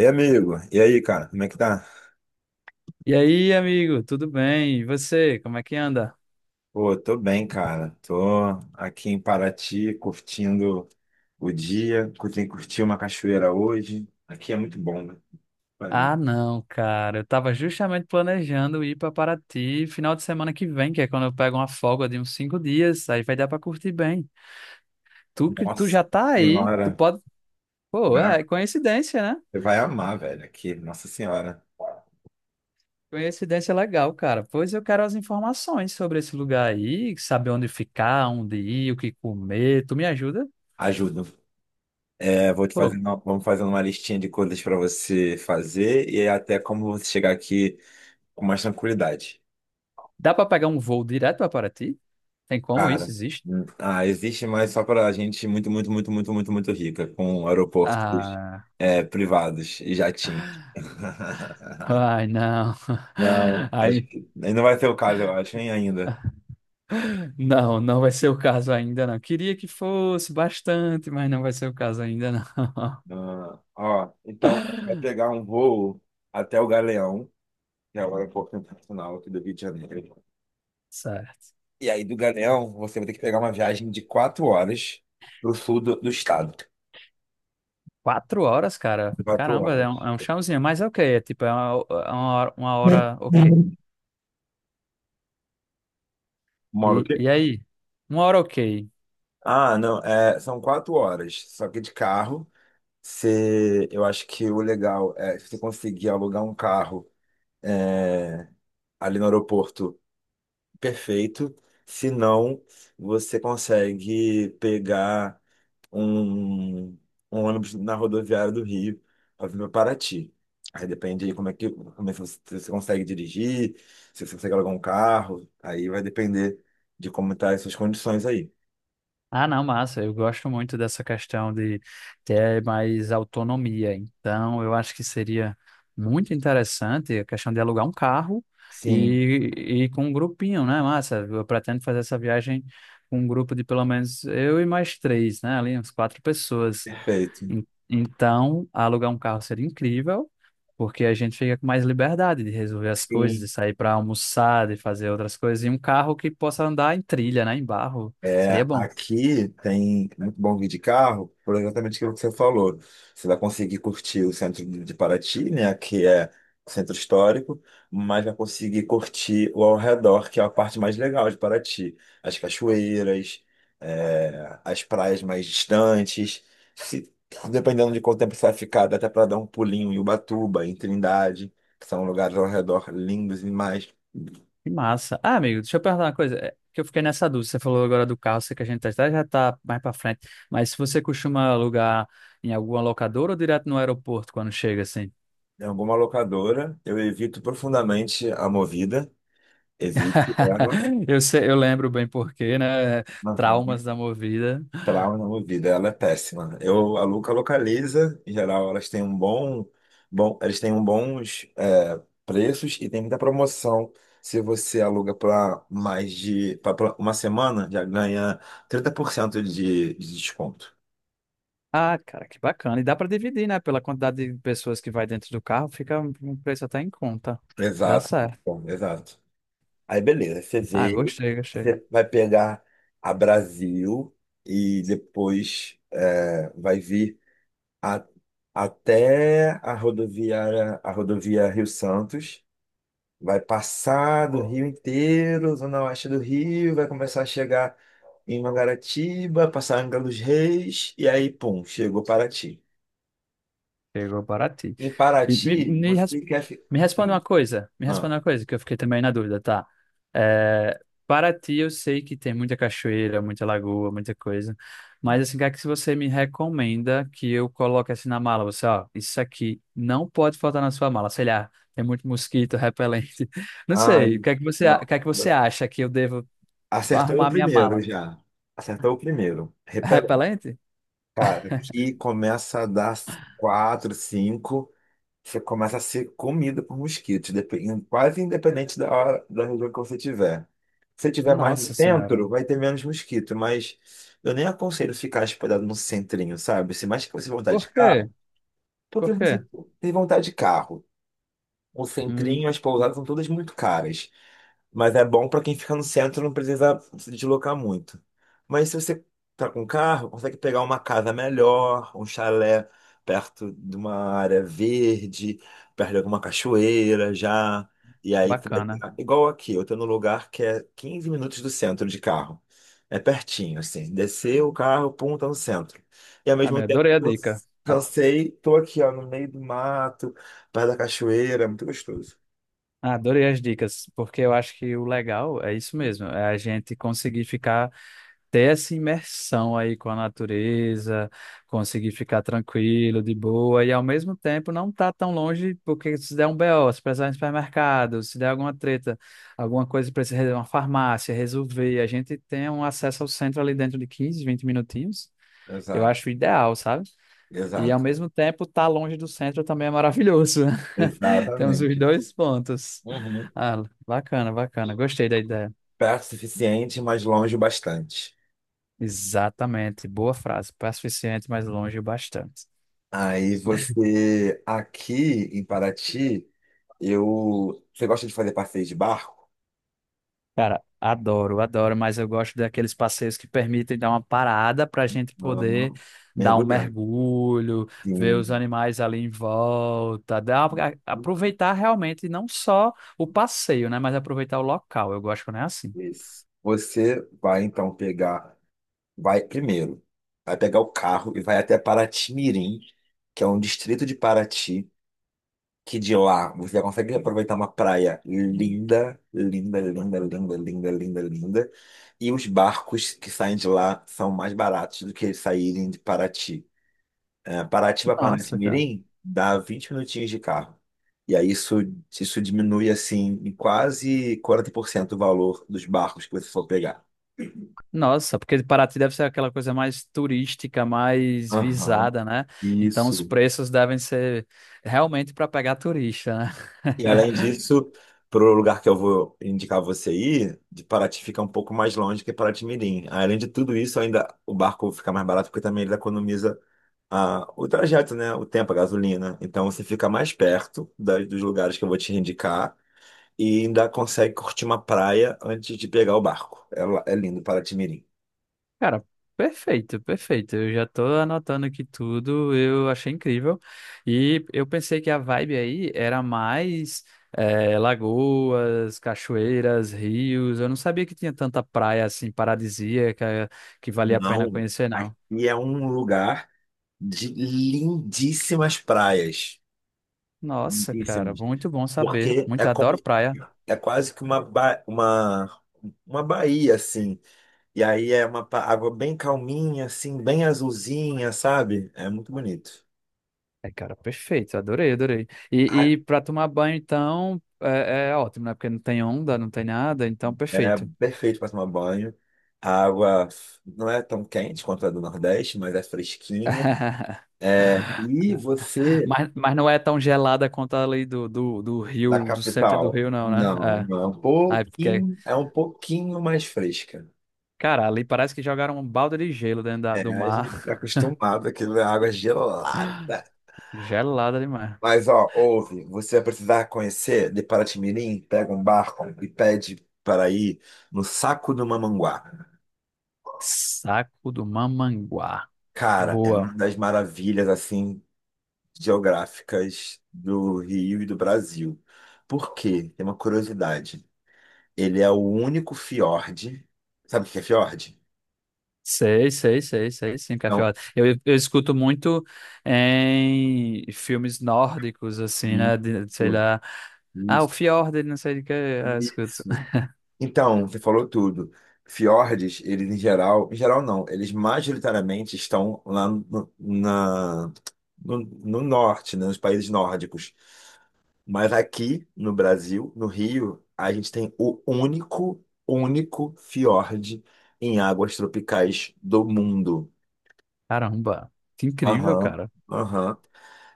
E amigo, e aí, cara, como é que tá? E aí, amigo, tudo bem? E você, como é que anda? Pô, tô bem, cara. Tô aqui em Paraty, curtindo o dia, curti uma cachoeira hoje. Aqui é muito bom, né? Valeu. Ah, não, cara, eu tava justamente planejando ir pra Paraty final de semana que vem, que é quando eu pego uma folga de uns 5 dias, aí vai dar pra curtir bem. Tu que tu Nossa já tá aí, tu senhora, pode. Pô, né? é coincidência, né? Você vai amar, velho, aqui. Nossa senhora, Coincidência legal, cara. Pois eu quero as informações sobre esse lugar aí, saber onde ficar, onde ir, o que comer. Tu me ajuda? ajuda. É, vou te Pô, fazer vamos fazendo uma listinha de coisas pra você fazer e até como você chegar aqui com mais tranquilidade. dá pra pegar um voo direto pra Paraty? Tem como isso? Cara, Existe? Existe, mas só para gente muito, muito, muito, muito, muito, muito rica, com aeroportos Ah. Privados e jatinho. Ai, não. Não, acho Aí, que não vai ser o caso, eu acho, hein, ainda. não, não vai ser o caso ainda, não. Queria que fosse bastante, mas não vai ser o caso ainda, não. Ah, ó, então, vai pegar um voo até o Galeão, que é o aeroporto internacional aqui do Rio de Janeiro. Certo. E aí, do Galeão, você vai ter que pegar uma viagem de quatro horas para o sul do estado. 4 horas, cara. Quatro Caramba, horas. é um chãozinho, mas é ok. É tipo, é uma hora, uma hora ok. Moro E aí? Uma hora ok. Ah, não, são quatro horas, só que de carro. Se, Eu acho que o legal é se você conseguir alugar um carro, é, ali no aeroporto, perfeito. Se não, você consegue pegar um, um ônibus na rodoviária do Rio para vir para Paraty. Aí depende de como é que você, se você consegue dirigir, se você consegue alugar um carro, aí vai depender de como tá as suas condições aí. Ah, não, massa. Eu gosto muito dessa questão de ter mais autonomia. Então, eu acho que seria muito interessante a questão de alugar um carro Sim, e com um grupinho, né, massa? Eu pretendo fazer essa viagem com um grupo de pelo menos eu e mais três, né? Ali, uns quatro pessoas. perfeito. Então, alugar um carro seria incrível, porque a gente fica com mais liberdade de resolver as coisas, de Sim. sair para almoçar, de fazer outras coisas, e um carro que possa andar em trilha, né, em barro. Seria É, bom. aqui tem muito bom guia de carro, por exatamente aquilo que você falou. Você vai conseguir curtir o centro de Paraty, né, que é centro histórico, mas vai conseguir curtir o ao redor, que é a parte mais legal de Paraty. As cachoeiras, as praias mais distantes. Se, Dependendo de quanto tempo você vai ficar, dá até para dar um pulinho em Ubatuba, em Trindade, que são lugares ao redor lindos demais. Que massa. Ah, amigo, deixa eu perguntar uma coisa. Que eu fiquei nessa dúvida. Você falou agora do carro, sei que a gente até já tá mais pra frente. Mas se você costuma alugar em alguma locadora ou direto no aeroporto quando chega, assim? Em alguma locadora, eu evito profundamente a Movida. Evite ela, Eu sei, eu lembro bem porque, né? aham, Traumas da movida. trauma na vida, ela é péssima. Eu, a Luca localiza, em geral elas têm um eles têm um bons preços e tem muita promoção. Se você aluga para mais de pra uma semana, já ganha 30% de desconto. Ah, cara, que bacana. E dá pra dividir, né? Pela quantidade de pessoas que vai dentro do carro, fica um preço até em conta. Dá Exato, certo. bom, exato. Aí beleza, você Ah, vê, gostei, gostei. você vai pegar a Brasil e depois vai vir. a- até a rodovia Rio Santos, vai passar do Rio inteiro, zona oeste do Rio, vai começar a chegar em Mangaratiba, passar em Angra dos Reis, e aí, pum, chegou Paraty. Chegou para ti. Em E me, Paraty, me você quer ficar. Me responde uma coisa, me Ah, responde uma coisa que eu fiquei também na dúvida, tá? É, Paraty eu sei que tem muita cachoeira, muita lagoa, muita coisa, mas assim, o que é que você me recomenda que eu coloque assim na mala? Você, ó, isso aqui não pode faltar na sua mala, sei lá, tem muito mosquito, repelente, não sei, ai, o não. que é que você acha que eu devo Acertou o arrumar minha primeiro mala? já. Acertou o primeiro. Repelente. Repelente? Cara, que começa a dar quatro, cinco. Você começa a ser comida por mosquitos, quase independente da hora, da região que você tiver. Se você tiver mais no Nossa Senhora. centro, vai ter menos mosquito, mas eu nem aconselho ficar hospedado no centrinho, sabe? Se mais que você vontade Por de carro, quê? porque Por você quê? tem vontade de carro. O Hum, centrinho, as pousadas são todas muito caras. Mas é bom para quem fica no centro, não precisa se deslocar muito. Mas se você tá com carro, consegue pegar uma casa melhor, um chalé perto de uma área verde, perto de alguma cachoeira já. E aí tu vai Bacana. tá igual aqui, eu tô num lugar que é 15 minutos do centro de carro. É pertinho, assim. Descer o carro, pum, tá no centro. E ao mesmo Amigo, tempo, adorei a eu dica. cansei, tô aqui, ó, no meio do mato, perto da cachoeira, é muito gostoso. Ah, adorei as dicas, porque eu acho que o legal é isso mesmo, é a gente conseguir ficar, ter essa imersão aí com a natureza, conseguir ficar tranquilo, de boa, e ao mesmo tempo não tá tão longe, porque se der um BO, se precisar ir no supermercado, se der alguma treta, alguma coisa precisa resolver uma farmácia, resolver, a gente tem um acesso ao centro ali dentro de 15, 20 minutinhos, eu Exato, acho ideal, sabe? E ao exato, mesmo tempo, estar longe do centro também é maravilhoso. Temos os exatamente. dois pontos. Uhum. Ah, bacana, bacana. Gostei da ideia. Perto o suficiente, mas longe o bastante. Exatamente. Boa frase. Passo suficiente, mas longe o bastante. Aí você, aqui em Paraty, eu. Você gosta de fazer passeio de barco? Cara, adoro, adoro, mas eu gosto daqueles passeios que permitem dar uma parada para a gente Não, poder não. dar um Mergulhando. mergulho, ver os Sim. animais ali em volta, aproveitar realmente não só o passeio, né, mas aproveitar o local. Eu gosto quando é assim. Isso. Você vai então pegar, vai primeiro, vai pegar o carro e vai até Paraty-Mirim, que é um distrito de Paraty, que de lá você já consegue aproveitar uma praia linda, linda, linda, linda, linda, linda, linda. E os barcos que saem de lá são mais baratos do que eles saírem de Paraty. É, Paraty para Nossa, cara. Paraty-Mirim dá 20 minutinhos de carro. E aí isso diminui assim em quase 40% o valor dos barcos que você for pegar. Nossa, porque Paraty deve ser aquela coisa mais turística, mais Aham, visada, né? Então os isso. preços devem ser realmente para pegar turista, né? E além disso, para o lugar que eu vou indicar você ir, de Paraty fica um pouco mais longe que Paraty-Mirim. Além de tudo isso, ainda o barco fica mais barato porque também ele economiza o trajeto, né? O tempo, a gasolina. Então você fica mais perto dos lugares que eu vou te indicar e ainda consegue curtir uma praia antes de pegar o barco. É lindo Paraty-Mirim. Cara, perfeito, perfeito. Eu já tô anotando aqui tudo, eu achei incrível. E eu pensei que a vibe aí era mais lagoas, cachoeiras, rios. Eu não sabia que tinha tanta praia assim paradisíaca que valia a pena Não, conhecer, não. aqui é um lugar de lindíssimas praias. Nossa, cara, Muitíssimos. muito bom saber. Porque Muito é como adoro praia. é quase que uma baía, assim. E aí é água bem calminha, assim, bem azulzinha, sabe? É muito bonito. É, cara, perfeito. Adorei, adorei. E, A- e para tomar banho, então, é ótimo, né? Porque não tem onda, não tem nada, então, É perfeito. perfeito para tomar banho. A água não é tão quente quanto a do Nordeste, mas é fresquinha. É, e você, Mas não é tão gelada quanto ali do da rio, do centro do capital? rio, não, né? Não, É. não, é um Aí, porque, pouquinho mais fresca. cara, ali parece que jogaram um balde de gelo dentro É, do a gente está mar. acostumado, aquilo é água gelada. Gelada demais. Mas, ó, ouve, você vai precisar conhecer de Paraty-Mirim, pega um barco e pede para ir no Saco do Mamanguá. Saco do Mamanguá. Cara, é Boa. uma das maravilhas, assim, geográficas do Rio e do Brasil. Por quê? Tem uma curiosidade. Ele é o único fiord. Sabe o que é fiord? Sei, sei, sei, sei, sim, Não. Cafiola. Eu escuto muito em filmes nórdicos, assim, né? Sei Isso, lá. Ah, o isso, Fjord, ele não sei de que. Ah, escuto. isso. Então, você falou tudo. Fiordes, eles em geral não, eles majoritariamente estão lá no, na, no, no norte, né, nos países nórdicos. Mas aqui no Brasil, no Rio, a gente tem o único, único fiord em águas tropicais do mundo. Caramba, que incrível, Aham, cara. aham.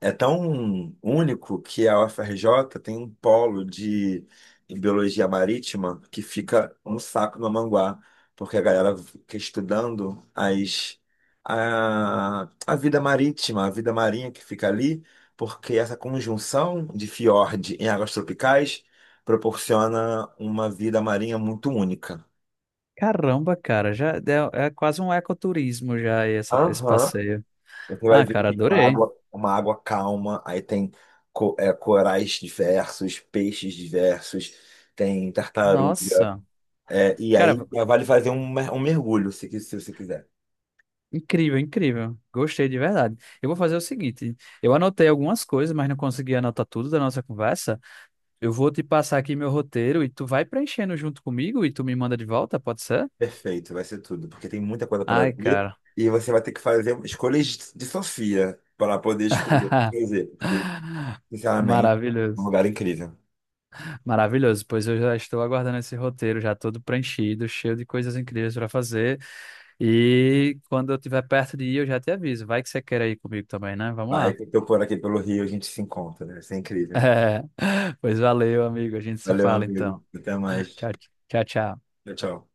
É tão único que a UFRJ tem um polo de em biologia marítima que fica um saco no Manguá, porque a galera fica estudando a vida marítima, a vida marinha que fica ali, porque essa conjunção de fiord em águas tropicais proporciona uma vida marinha muito única. Caramba, cara, já é quase um ecoturismo já esse Aham. passeio. Você vai Ah, ver que cara, tem uma adorei. água, uma água calma, aí tem corais diversos, peixes diversos, tem tartaruga. Nossa, É, e cara, aí vale fazer um mergulho, se você quiser. incrível, incrível. Gostei de verdade. Eu vou fazer o seguinte, eu anotei algumas coisas, mas não consegui anotar tudo da nossa conversa. Eu vou te passar aqui meu roteiro e tu vai preenchendo junto comigo e tu me manda de volta, pode ser? Perfeito, vai ser tudo, porque tem muita coisa para Ai, ver. cara. E você vai ter que fazer escolhas de Sofia para poder escolher o que fazer, porque, sinceramente, é um Maravilhoso. lugar incrível. Maravilhoso, pois eu já estou aguardando esse roteiro já todo preenchido, cheio de coisas incríveis para fazer. E quando eu estiver perto de ir, eu já te aviso. Vai que você quer ir comigo também, né? Vamos Vai lá. que eu tô por aqui pelo Rio, a gente se encontra, né? Isso é incrível. É. Pois valeu, amigo. A gente se Valeu, fala amigo. então. Até mais. Tchau, tchau, tchau. Tchau, tchau.